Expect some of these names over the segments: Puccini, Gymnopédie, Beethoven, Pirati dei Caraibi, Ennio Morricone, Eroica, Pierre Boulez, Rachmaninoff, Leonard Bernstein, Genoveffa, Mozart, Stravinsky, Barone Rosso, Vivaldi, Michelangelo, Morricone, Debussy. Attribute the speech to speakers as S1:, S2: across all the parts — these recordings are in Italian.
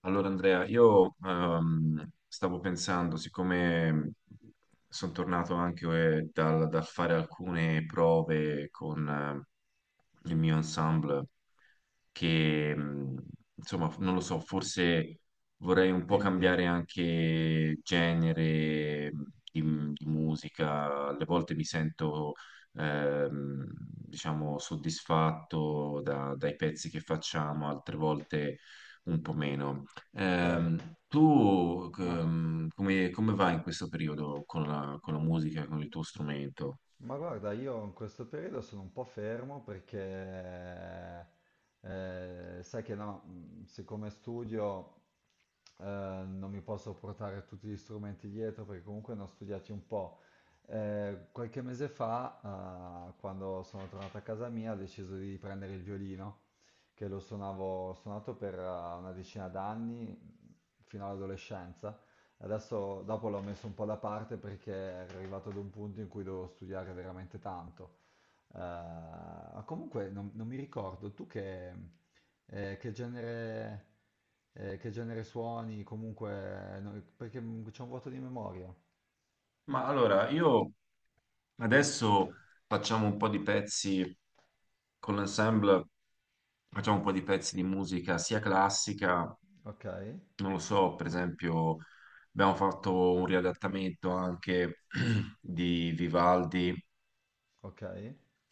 S1: Allora Andrea, io stavo pensando, siccome sono tornato anche dal fare alcune prove con il mio ensemble, che insomma, non lo so, forse vorrei un po'
S2: Dimmi,
S1: cambiare
S2: dimmi.
S1: anche genere di, di musica. Alle volte mi sento, diciamo, soddisfatto dai pezzi che facciamo, altre volte un po' meno.
S2: Ok,
S1: Ehm, tu
S2: ma,
S1: ehm, come vai in questo periodo con la musica, con il tuo strumento?
S2: ma guarda, io in questo periodo sono un po' fermo perché sai che no, siccome studio eh, non mi posso portare tutti gli strumenti dietro perché comunque ne ho studiati un po'. Qualche mese fa, quando sono tornato a casa mia, ho deciso di prendere il violino, che lo suonavo, ho suonato per una decina d'anni, fino all'adolescenza. Adesso, dopo l'ho messo un po' da parte perché ero arrivato ad un punto in cui dovevo studiare veramente tanto. Comunque non mi ricordo, tu eh, che genere, che genere suoni, comunque, no, perché c'è un vuoto di memoria.
S1: Ma allora, io adesso facciamo un po' di pezzi con l'ensemble, facciamo un po' di pezzi di musica sia classica,
S2: Ok,
S1: non lo so, per esempio abbiamo fatto un riadattamento anche di Vivaldi,
S2: ok.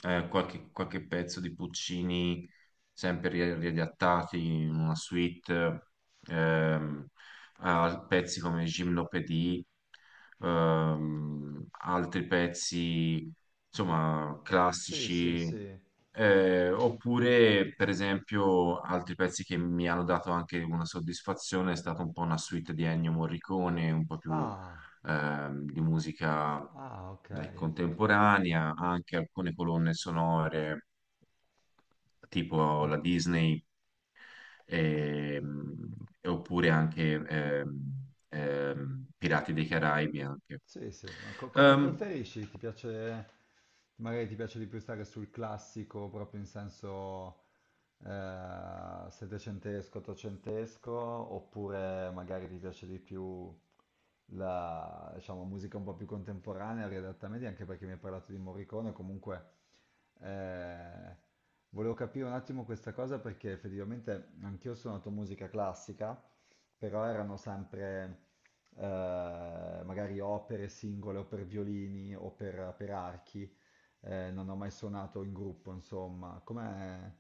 S1: qualche pezzo di Puccini sempre riadattati in una suite, ehm, a pezzi come Gymnopédie, altri pezzi, insomma,
S2: Sì, sì,
S1: classici,
S2: sì.
S1: oppure, per esempio, altri pezzi che mi hanno dato anche una soddisfazione è stata un po' una suite di Ennio Morricone, un po' più
S2: Ah,
S1: di musica
S2: ah, ok.
S1: dai, contemporanea, anche alcune colonne sonore tipo
S2: Ma-
S1: la Disney, ehm, e oppure anche Pirati dei Caraibi anche.
S2: sì, sì, ma come
S1: Ehm,
S2: preferisci? Ti piace, magari ti piace di più stare sul classico, proprio in senso settecentesco, ottocentesco, oppure magari ti piace di più la, diciamo, musica un po' più contemporanea, riadatta a media, anche perché mi hai parlato di Morricone, comunque eh, volevo capire un attimo questa cosa perché effettivamente anch'io ho suonato musica classica, però erano sempre eh, magari opere singole o per violini o per archi, non ho mai suonato in gruppo, insomma. Com'è,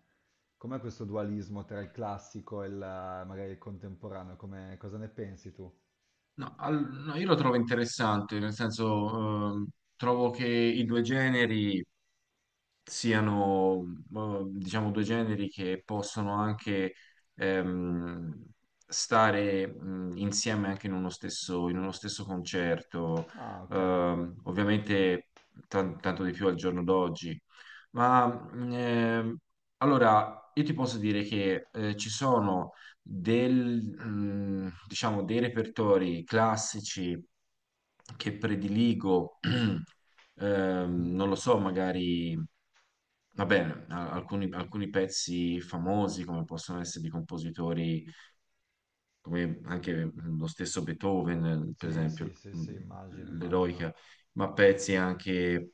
S2: com'è questo dualismo tra il classico e il, magari il contemporaneo? Cosa ne pensi tu?
S1: no, io lo trovo interessante, nel senso trovo che i due generi siano, diciamo, due generi che possono anche ehm, stare insieme anche in uno stesso concerto.
S2: Ah, ok.
S1: Ovviamente tanto di più al giorno d'oggi. Ma mh, ehm, allora io ti posso dire che ci sono diciamo, dei repertori classici che prediligo,
S2: Mhm.
S1: non lo so, magari. Va bene, alcuni, alcuni pezzi famosi come possono essere di compositori come anche mm, lo stesso Beethoven, per
S2: Sì,
S1: esempio,
S2: sì, sì, sì, immagino, immagino.
S1: l'Eroica, ma pezzi anche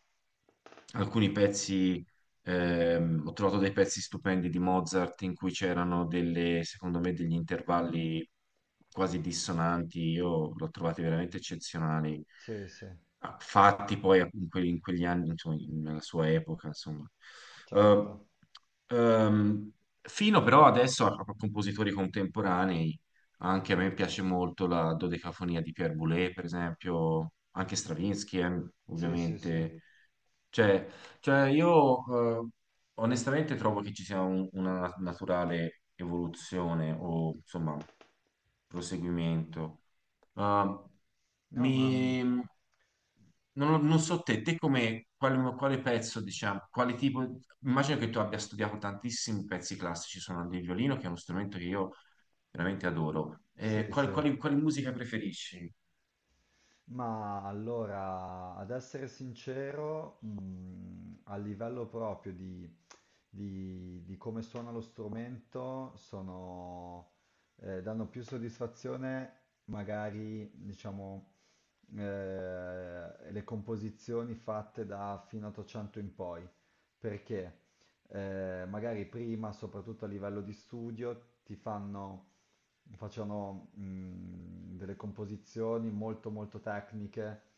S1: alcuni pezzi, ho trovato dei pezzi stupendi di Mozart in cui c'erano delle, secondo me, degli intervalli quasi dissonanti, io l'ho trovati veramente eccezionali,
S2: Sì, sì,
S1: ah, fatti poi in in quegli anni, insomma, nella sua epoca, insomma.
S2: certo.
S1: Eh, ehm, fino però adesso a compositori contemporanei, anche a me piace molto la dodecafonia di Pierre Boulez, per esempio, anche Stravinsky,
S2: Sì, sì, sì.
S1: ovviamente. Cioè, cioè io onestamente trovo che ci sia una naturale evoluzione o insomma proseguimento. Eh,
S2: No, ma
S1: mi, non, non so te, te come quale pezzo, diciamo, quale tipo, immagino che tu abbia studiato tantissimi pezzi classici suonando il violino, che è uno strumento che io veramente adoro.
S2: sì,
S1: Eh, quali,
S2: sì.
S1: quali- quali musica preferisci?
S2: Ma allora, ad essere sincero, a livello proprio di di come suona lo strumento sono, danno più soddisfazione, magari, diciamo, eh, le composizioni fatte da fino 800 in poi, perché magari prima, soprattutto a livello di studio, ti facevano delle composizioni molto molto tecniche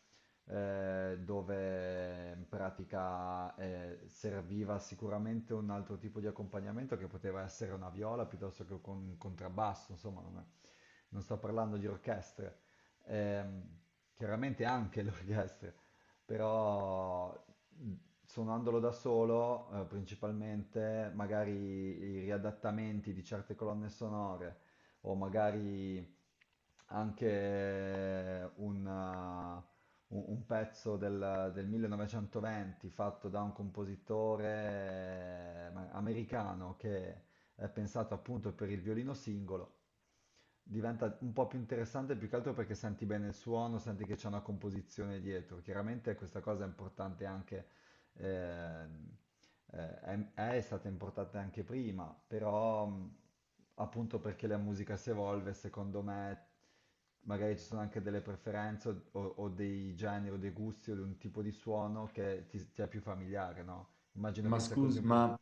S2: dove in pratica serviva sicuramente un altro tipo di accompagnamento che poteva essere una viola piuttosto che con un contrabbasso, insomma, non sto parlando di orchestre. Ehm, Chiaramente anche le orchestre, però mh, suonandolo da solo, principalmente magari i riadattamenti di certe colonne sonore o magari anche un pezzo del 1920 fatto da un compositore americano che è pensato appunto per il violino singolo, diventa un po' più interessante più che altro perché senti bene il suono, senti che c'è una composizione dietro. Chiaramente questa cosa è importante anche ehm, è stata importata anche prima, però appunto perché la musica si evolve, secondo me magari ci sono anche delle preferenze o, o dei generi o dei gusti o di un tipo di suono che ti è più familiare, no? Immagino
S1: Ma
S2: che sia così
S1: scusa,
S2: un po'.
S1: ma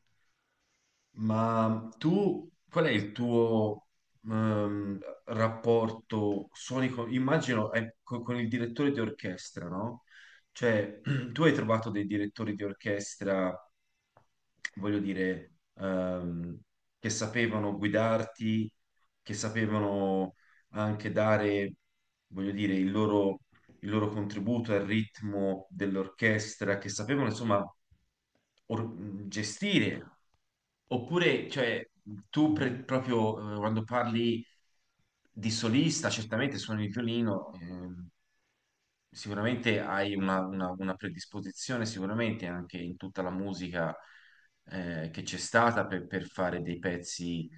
S1: Ma tu, qual è il tuo ehm, rapporto sonico? Immagino con il direttore di orchestra, no? Cioè, tu hai trovato dei direttori di orchestra, voglio dire, che sapevano guidarti, che sapevano anche dare, voglio dire, il loro contributo al ritmo dell'orchestra, che sapevano, insomma, gestire. Oppure, cioè, tu
S2: Mhm.
S1: proprio quando parli di solista, certamente suoni il violino, sicuramente hai una predisposizione, sicuramente anche in tutta la musica che c'è stata per fare dei pezzi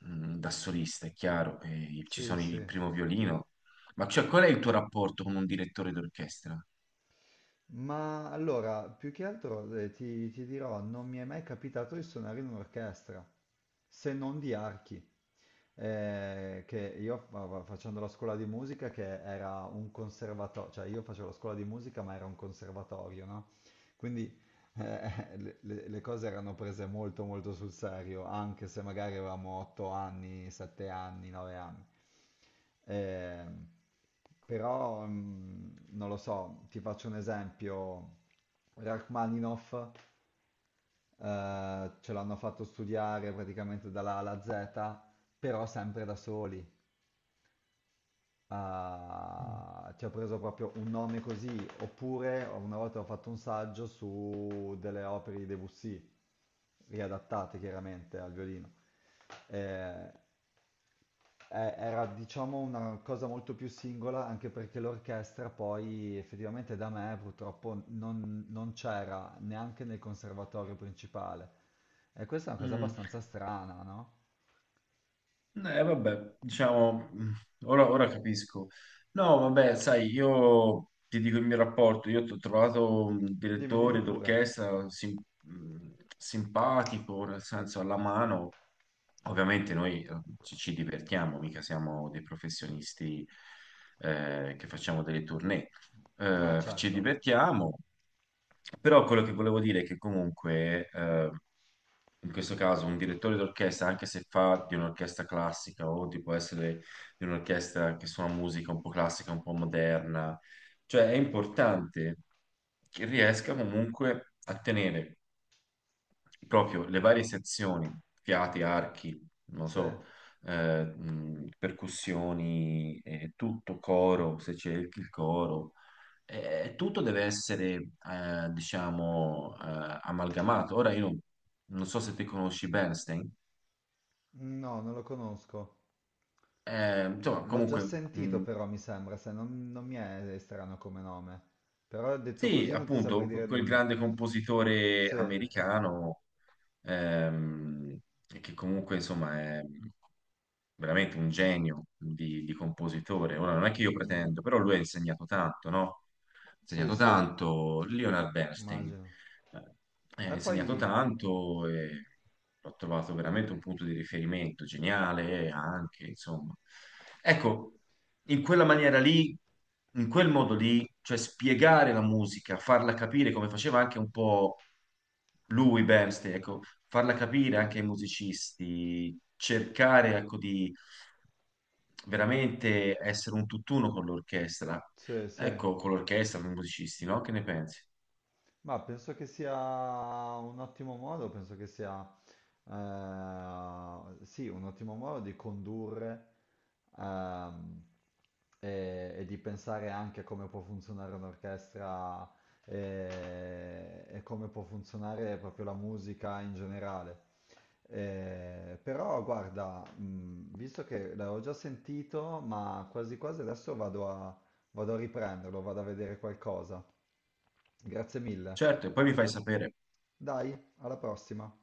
S1: da solista, è chiaro, e ci
S2: Sì,
S1: sono
S2: sì.
S1: il primo violino. Ma cioè, qual è il tuo rapporto con un direttore d'orchestra?
S2: Ma allora, più che altro ti dirò, non mi è mai capitato di suonare in un'orchestra, se non di archi. Che io facendo la scuola di musica, che era un conservatorio, cioè io facevo la scuola di musica ma era un conservatorio, no? Quindi le cose erano prese molto molto sul serio, anche se magari avevamo 8 anni, 7 anni, 9 anni. Ehm, però, non lo so, ti faccio un esempio. Rachmaninoff ce l'hanno fatto studiare praticamente dalla A alla Z, però sempre da soli.
S1: Mm.
S2: Ah, ti ho preso proprio un nome così, oppure una volta ho fatto un saggio su delle opere di Debussy, riadattate chiaramente al violino. Eh, era diciamo una cosa molto più singola, anche perché l'orchestra poi effettivamente da me purtroppo non c'era neanche nel conservatorio principale. E questa è una cosa
S1: Mm.
S2: abbastanza strana, no?
S1: Vabbè, diciamo, ora, ora capisco. No, vabbè, sai, io ti dico il mio rapporto, io ho trovato un
S2: Dimmi, dimmi
S1: direttore
S2: pure.
S1: d'orchestra simpatico, nel senso alla mano. Ovviamente noi ci divertiamo, mica siamo dei professionisti che facciamo delle tournée.
S2: Ah,
S1: Ci
S2: certo.
S1: divertiamo, però quello che volevo dire è che comunque in questo caso un direttore d'orchestra, anche se fa di un'orchestra classica o di può essere di un'orchestra che suona musica un po' classica, un po' moderna, cioè è importante che riesca comunque a tenere proprio le varie sezioni, fiati, archi, non
S2: Sì.
S1: so, percussioni, tutto coro, se c'è il coro, tutto deve essere, diciamo, amalgamato. Ora io non so se te conosci Bernstein.
S2: No, non lo conosco.
S1: Insomma,
S2: L'ho già
S1: comunque,
S2: sentito però, mi sembra, se non mi è strano come nome. Però detto
S1: sì,
S2: così non ti saprei
S1: appunto,
S2: dire
S1: quel
S2: nulla.
S1: grande compositore
S2: Sì.
S1: americano, ehm, che comunque, insomma, è veramente un genio di compositore. Ora, non è che io
S2: Mm, mm.
S1: pretendo, però lui ha insegnato tanto, no? Ha
S2: Sì,
S1: insegnato
S2: sì,
S1: tanto, Leonard Bernstein.
S2: immagino.
S1: Ha
S2: E poi,
S1: insegnato tanto e l'ho trovato veramente un punto di riferimento geniale anche, insomma. Ecco, in quella maniera lì, in quel modo lì, cioè spiegare la musica, farla capire come faceva anche un po' lui, Bernstein, ecco, farla capire anche ai musicisti, cercare, ecco, di veramente essere un tutt'uno con l'orchestra.
S2: sì, sì.
S1: Ecco, con l'orchestra, con i musicisti, no? Che ne pensi?
S2: Ma penso che sia un ottimo modo, penso che sia sì, un ottimo modo di condurre ehm, e di pensare anche a come può funzionare un'orchestra e come può funzionare proprio la musica in generale. Però guarda, visto che l'avevo già sentito, ma quasi quasi adesso vado a, riprenderlo, vado a vedere qualcosa. Grazie mille.
S1: Certo, e poi mi fai sapere.
S2: Dai, alla prossima!